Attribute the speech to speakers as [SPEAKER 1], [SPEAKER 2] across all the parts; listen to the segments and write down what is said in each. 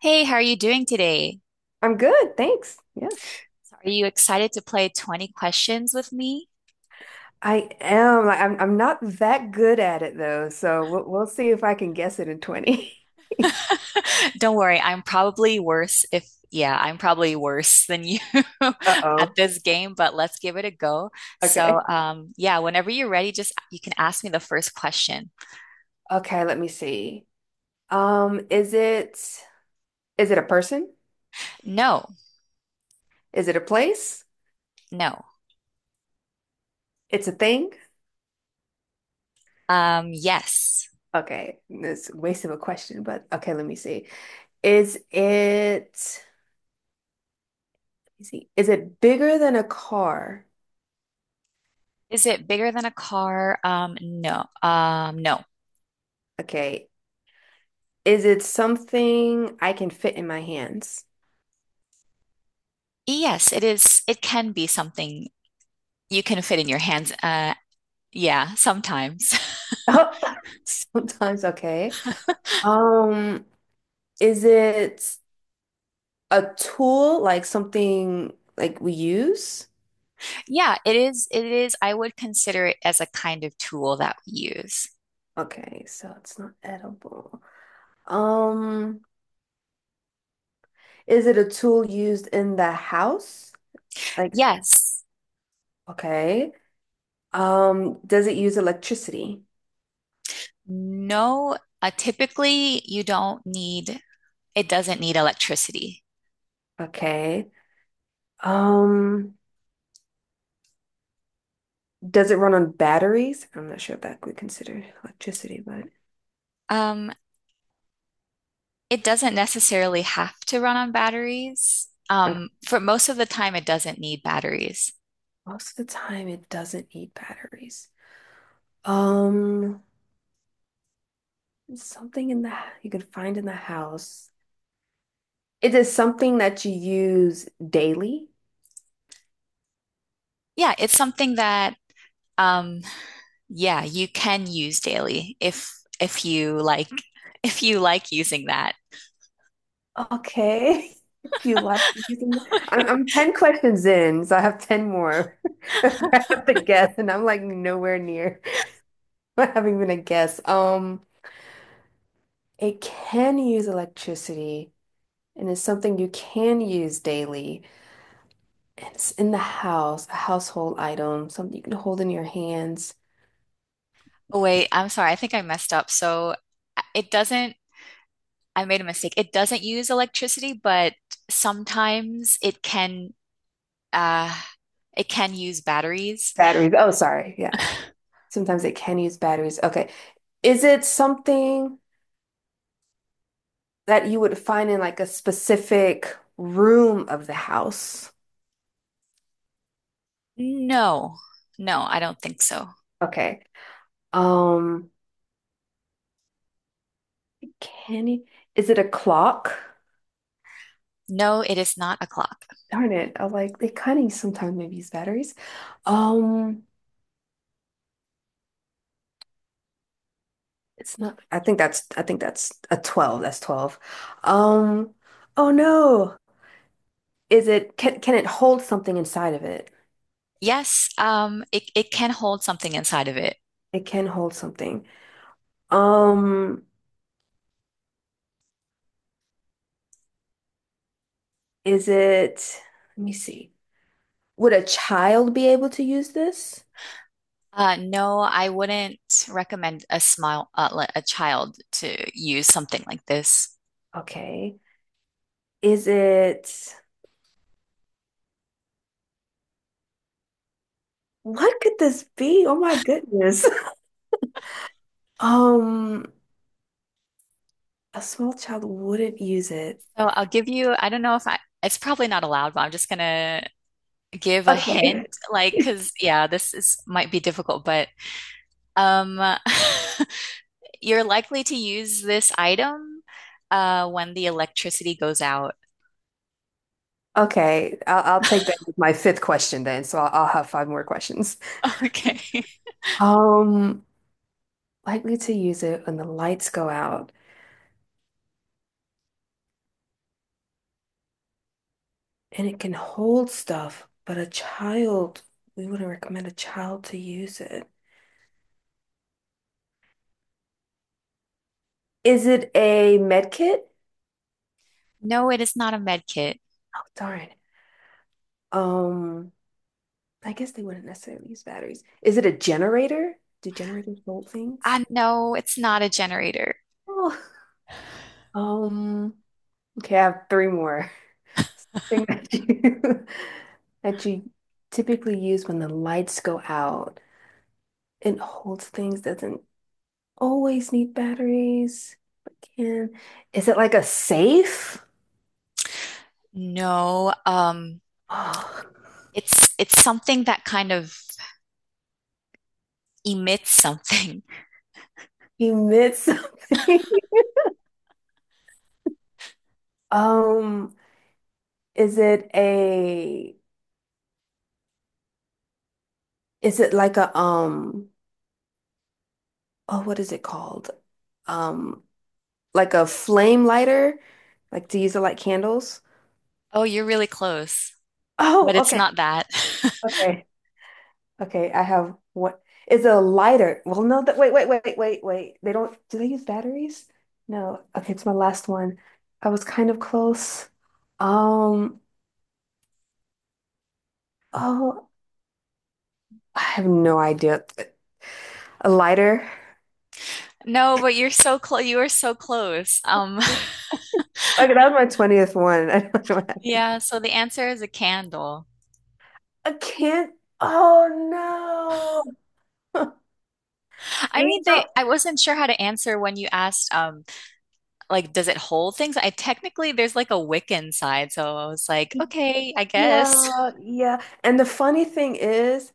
[SPEAKER 1] Hey, how are you doing today?
[SPEAKER 2] I'm good, thanks. Yeah,
[SPEAKER 1] Are you excited to play 20 questions with me?
[SPEAKER 2] I am. I'm not that good at it though, so we'll see if I can guess it in 20.
[SPEAKER 1] Don't worry, I'm probably worse if, yeah, I'm probably worse than you at
[SPEAKER 2] Uh-oh.
[SPEAKER 1] this game, but let's give it a go. So,
[SPEAKER 2] Okay.
[SPEAKER 1] um, yeah, whenever you're ready, just you can ask me the first question.
[SPEAKER 2] Okay, let me see. Um, is it is it a person?
[SPEAKER 1] No,
[SPEAKER 2] Is it a place?
[SPEAKER 1] no.
[SPEAKER 2] It's a thing?
[SPEAKER 1] Yes.
[SPEAKER 2] Okay. It's a waste of a question, but okay, let me see. Is it Let me see. Is it bigger than a car?
[SPEAKER 1] Is it bigger than a car? No. No.
[SPEAKER 2] Okay. Is it something I can fit in my hands?
[SPEAKER 1] Yes, it is. It can be something you can fit in your hands. Yeah, sometimes.
[SPEAKER 2] Oh, sometimes, okay. Um, is it a tool like something like we use?
[SPEAKER 1] Yeah, it is. It is. I would consider it as a kind of tool that we use.
[SPEAKER 2] Okay, so it's not edible. Um, is it a tool used in the house? Like,
[SPEAKER 1] Yes.
[SPEAKER 2] okay. Does it use electricity?
[SPEAKER 1] No. Typically, you don't need, it doesn't need electricity.
[SPEAKER 2] Okay. Um, does it run on batteries? I'm not sure if that would consider electricity, but
[SPEAKER 1] Um, it doesn't necessarily have to run on batteries.
[SPEAKER 2] uh,
[SPEAKER 1] For most of the time, it doesn't need batteries.
[SPEAKER 2] most of the time it doesn't need batteries. Um, something in the you can find in the house. It is something that you use daily.
[SPEAKER 1] Yeah, it's something that, um, yeah, you can use daily if you like if you like using that.
[SPEAKER 2] Okay. If you like using it. I'm 10 questions in, so I have 10 more. I have to guess, and I'm like nowhere near. I haven't even a guess. It can use electricity, and it's something you can use daily. And it's in the house, a household item, something you can hold in your hands.
[SPEAKER 1] Oh, wait, I'm sorry. I think I messed up. So it doesn't I made a mistake. It doesn't use electricity, but sometimes uh it can use batteries.
[SPEAKER 2] Batteries. Oh, sorry. Yeah. Sometimes it can use batteries. Okay. Is it something that you would find in like a specific room of the house?
[SPEAKER 1] No. No, I don't think so.
[SPEAKER 2] Okay. Um, can you, is it a clock?
[SPEAKER 1] No, it is not a clock.
[SPEAKER 2] Darn it. I like they kind of sometimes maybe use batteries. Um, it's not I think that's a 12. That's 12. Um, oh no. Is it can it hold something inside of it?
[SPEAKER 1] Yes, it can hold something inside of it.
[SPEAKER 2] It can hold something. Um, is it Let me see. Would a child be able to use this?
[SPEAKER 1] Uh, no, I wouldn't recommend a a child to use something like this.
[SPEAKER 2] Okay. Is it What could this be? Oh my goodness. Um, a small child wouldn't use it.
[SPEAKER 1] So I'll give you, I don't know if I it's probably not allowed, but I'm just gonna give a hint.
[SPEAKER 2] Okay.
[SPEAKER 1] Like, cause yeah, this is might be difficult, but Um, you're likely to use this item when the electricity goes out.
[SPEAKER 2] Okay, I'll take that as my fifth question then. So I'll have five more questions.
[SPEAKER 1] Okay.
[SPEAKER 2] Um, Likely to use it when the lights go out, and it can hold stuff, but a child, we wouldn't recommend a child to use it. Is it a med kit?
[SPEAKER 1] No, it is not a med kit.
[SPEAKER 2] Oh, darn. Um, I guess they wouldn't necessarily use batteries. Is it a generator? Do generators hold things?
[SPEAKER 1] No, it's not a generator.
[SPEAKER 2] Oh, Um, okay, I have three more. Thing that you that you typically use when the lights go out. It holds things, doesn't always need batteries, but can. Is it like a safe?
[SPEAKER 1] No,
[SPEAKER 2] Oh,
[SPEAKER 1] it's something that kind of emits something.
[SPEAKER 2] he meant something. Um, is it a is it like a um oh what is it called? Um like a flame lighter? Like to use it like candles?
[SPEAKER 1] Oh, you're really close, but
[SPEAKER 2] Oh,
[SPEAKER 1] it's
[SPEAKER 2] okay.
[SPEAKER 1] not that.
[SPEAKER 2] Okay. Okay, I have what is a lighter. Well, no, that wait, wait, wait, wait, wait. They don't Do they use batteries? No. Okay, it's my last one. I was kind of close. Um, oh, I have no idea. A lighter.
[SPEAKER 1] No, but you're so close. You are so close.
[SPEAKER 2] Okay, that was my 20th one. I don't know.
[SPEAKER 1] Yeah, so the answer is a candle.
[SPEAKER 2] I can't. Oh no.
[SPEAKER 1] I
[SPEAKER 2] And
[SPEAKER 1] mean, they I wasn't sure how to answer when you asked like does it hold things? I technically there's like a Wiccan side, so I was like, okay, I guess.
[SPEAKER 2] yeah, yeah. And the funny thing is,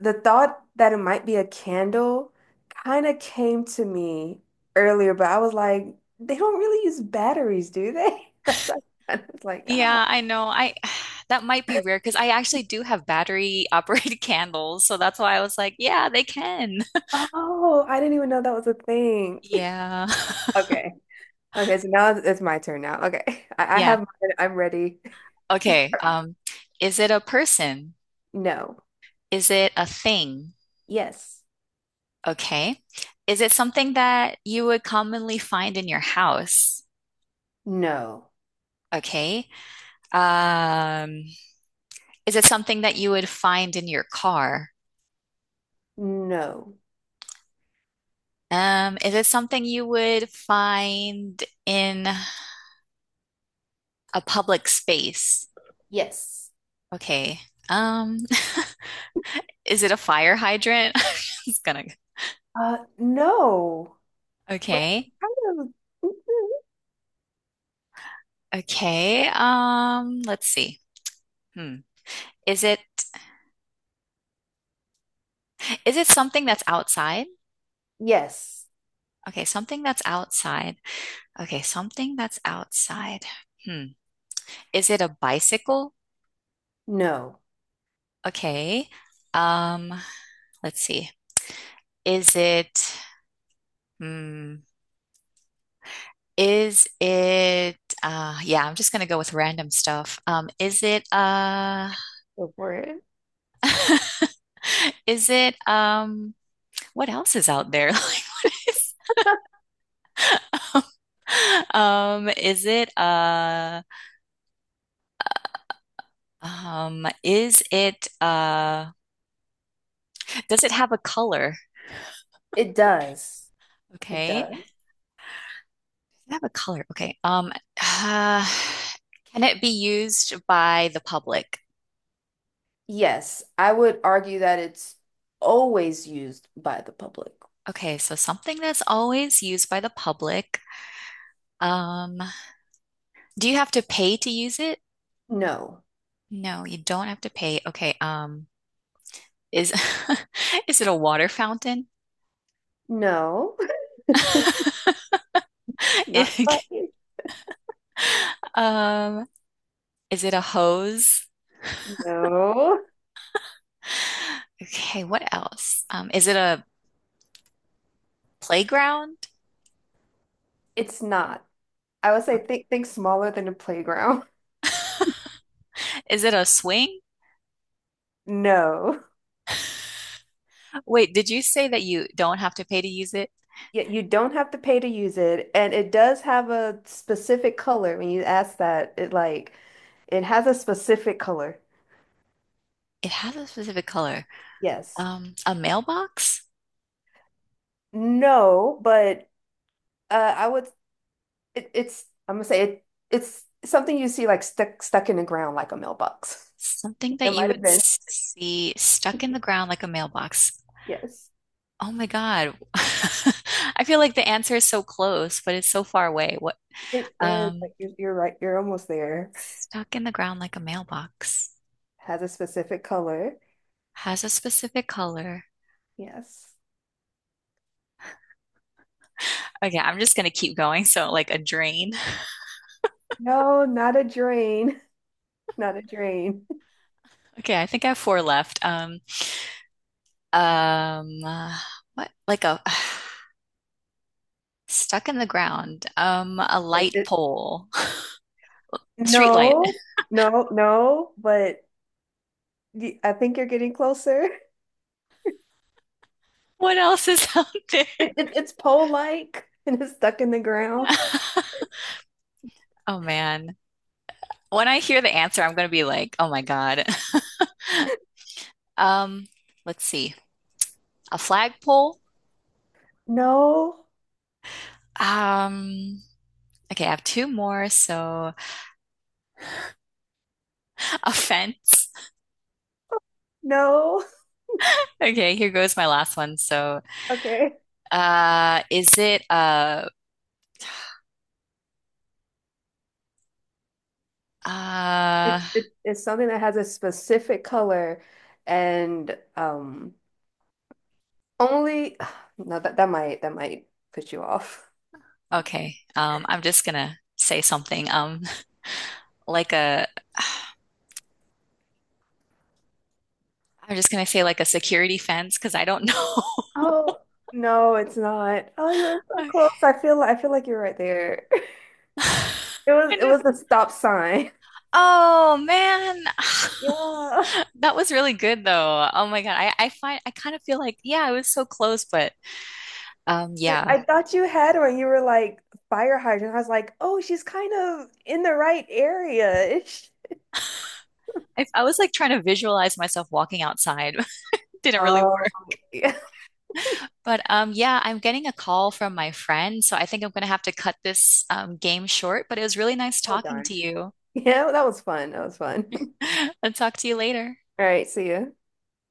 [SPEAKER 2] the thought that it might be a candle kind of came to me earlier, but I was like, they don't really use batteries, do they? That's what I was like,
[SPEAKER 1] Yeah,
[SPEAKER 2] ah,
[SPEAKER 1] I know. I that might be rare because I actually do have battery operated candles, so that's why I was like, yeah, they can.
[SPEAKER 2] oh, I didn't even know that was a thing.
[SPEAKER 1] Yeah.
[SPEAKER 2] Okay. Okay, so now it's my turn now. Okay. I
[SPEAKER 1] Yeah.
[SPEAKER 2] have mine. I'm ready.
[SPEAKER 1] Okay. Is it a person?
[SPEAKER 2] No.
[SPEAKER 1] Is it a thing?
[SPEAKER 2] Yes.
[SPEAKER 1] Okay. Is it something that you would commonly find in your house?
[SPEAKER 2] No,
[SPEAKER 1] Okay. Um, is it something that you would find in your car?
[SPEAKER 2] no,
[SPEAKER 1] Is it something you would find in a public space?
[SPEAKER 2] yes.
[SPEAKER 1] Okay. Um, is it a fire hydrant? It's gonna.
[SPEAKER 2] No, but
[SPEAKER 1] Okay.
[SPEAKER 2] kind of, mm-hmm.
[SPEAKER 1] Okay. Let's see. Hmm. Is it is it something that's outside?
[SPEAKER 2] Yes,
[SPEAKER 1] Okay, something that's outside. Okay, something that's outside. Hmm. Is it a bicycle?
[SPEAKER 2] no.
[SPEAKER 1] Okay. Um, let's see. Is it hmm. Is it Yeah, I'm just gonna go with random stuff. Is it
[SPEAKER 2] Go for it.
[SPEAKER 1] is it what else is out there? Like what is is it does it have a color?
[SPEAKER 2] It does. It
[SPEAKER 1] Okay.
[SPEAKER 2] does.
[SPEAKER 1] Does it have a color? Okay. Uh, can it be used by the public?
[SPEAKER 2] Yes, I would argue that it's always used by the public.
[SPEAKER 1] Okay, so something that's always used by the public. Um Do you have to pay to use it?
[SPEAKER 2] No,
[SPEAKER 1] No, you don't have to pay. Okay, is is it a water fountain?
[SPEAKER 2] no, not by.
[SPEAKER 1] It- um, is it a hose?
[SPEAKER 2] No,
[SPEAKER 1] Okay, what else? Is it a playground?
[SPEAKER 2] it's not. I would say think smaller than a playground.
[SPEAKER 1] Is it a swing?
[SPEAKER 2] No.
[SPEAKER 1] Wait, did you say that you don't have to pay to use it?
[SPEAKER 2] Yeah, you don't have to pay to use it, and it does have a specific color. When you ask that, it like it has a specific color.
[SPEAKER 1] It has a specific color.
[SPEAKER 2] Yes.
[SPEAKER 1] A mailbox?
[SPEAKER 2] No, but I would. It, it's. I'm gonna say it. It's something you see like stuck in the ground like a mailbox.
[SPEAKER 1] Something that
[SPEAKER 2] It
[SPEAKER 1] you
[SPEAKER 2] might have
[SPEAKER 1] would
[SPEAKER 2] been.
[SPEAKER 1] see stuck in the ground like a mailbox.
[SPEAKER 2] Yes.
[SPEAKER 1] Oh my God. I feel like the answer is so close, but it's so far away.
[SPEAKER 2] It is.
[SPEAKER 1] Um,
[SPEAKER 2] Like you're right. You're almost there.
[SPEAKER 1] Stuck in the ground like a mailbox,
[SPEAKER 2] Has a specific color.
[SPEAKER 1] has a specific color.
[SPEAKER 2] Yes.
[SPEAKER 1] Okay, I'm just gonna keep going. So like a drain.
[SPEAKER 2] No, not a drain. Not a drain.
[SPEAKER 1] Okay, I think I have four left. Um, uh, what? Like a stuck in the ground. A
[SPEAKER 2] Yes,
[SPEAKER 1] light
[SPEAKER 2] it.
[SPEAKER 1] pole, street light.
[SPEAKER 2] No. No, no, but I think you're getting closer.
[SPEAKER 1] What else is out there?
[SPEAKER 2] It's pole-like and it's stuck in the ground.
[SPEAKER 1] Oh man. When I hear the answer, I'm gonna be like, oh my God. Um, let's see. A flagpole.
[SPEAKER 2] No,
[SPEAKER 1] Um, okay, I have two more. So a fence.
[SPEAKER 2] no.
[SPEAKER 1] Okay, here goes my last one. So,
[SPEAKER 2] Okay.
[SPEAKER 1] is it a uh,
[SPEAKER 2] It's something that has a specific color and only no that might put you off.
[SPEAKER 1] okay. I'm just gonna say something. Like a, I'm just gonna say like a security fence because I don't know.
[SPEAKER 2] Oh, no, it's not. Oh, you were so
[SPEAKER 1] Okay.
[SPEAKER 2] close. I feel like you're right there. It
[SPEAKER 1] I
[SPEAKER 2] was it
[SPEAKER 1] know.
[SPEAKER 2] was a stop sign.
[SPEAKER 1] Oh man,
[SPEAKER 2] Yeah.
[SPEAKER 1] that was really good though. Oh my God, I find I kind of feel like yeah, I was so close, but
[SPEAKER 2] I
[SPEAKER 1] yeah.
[SPEAKER 2] I thought you had one. You were like fire hydrant. I was like, oh, she's kind of in the right area.
[SPEAKER 1] I was like trying to visualize myself walking outside. Didn't really
[SPEAKER 2] Oh,
[SPEAKER 1] work.
[SPEAKER 2] yeah.
[SPEAKER 1] But yeah, I'm getting a call from my friend, so I think I'm gonna have to cut this game short. But it was really nice
[SPEAKER 2] Oh,
[SPEAKER 1] talking
[SPEAKER 2] darn.
[SPEAKER 1] to you.
[SPEAKER 2] Yeah, that was fun. That was fun.
[SPEAKER 1] I'll talk to you later.
[SPEAKER 2] All right, see ya.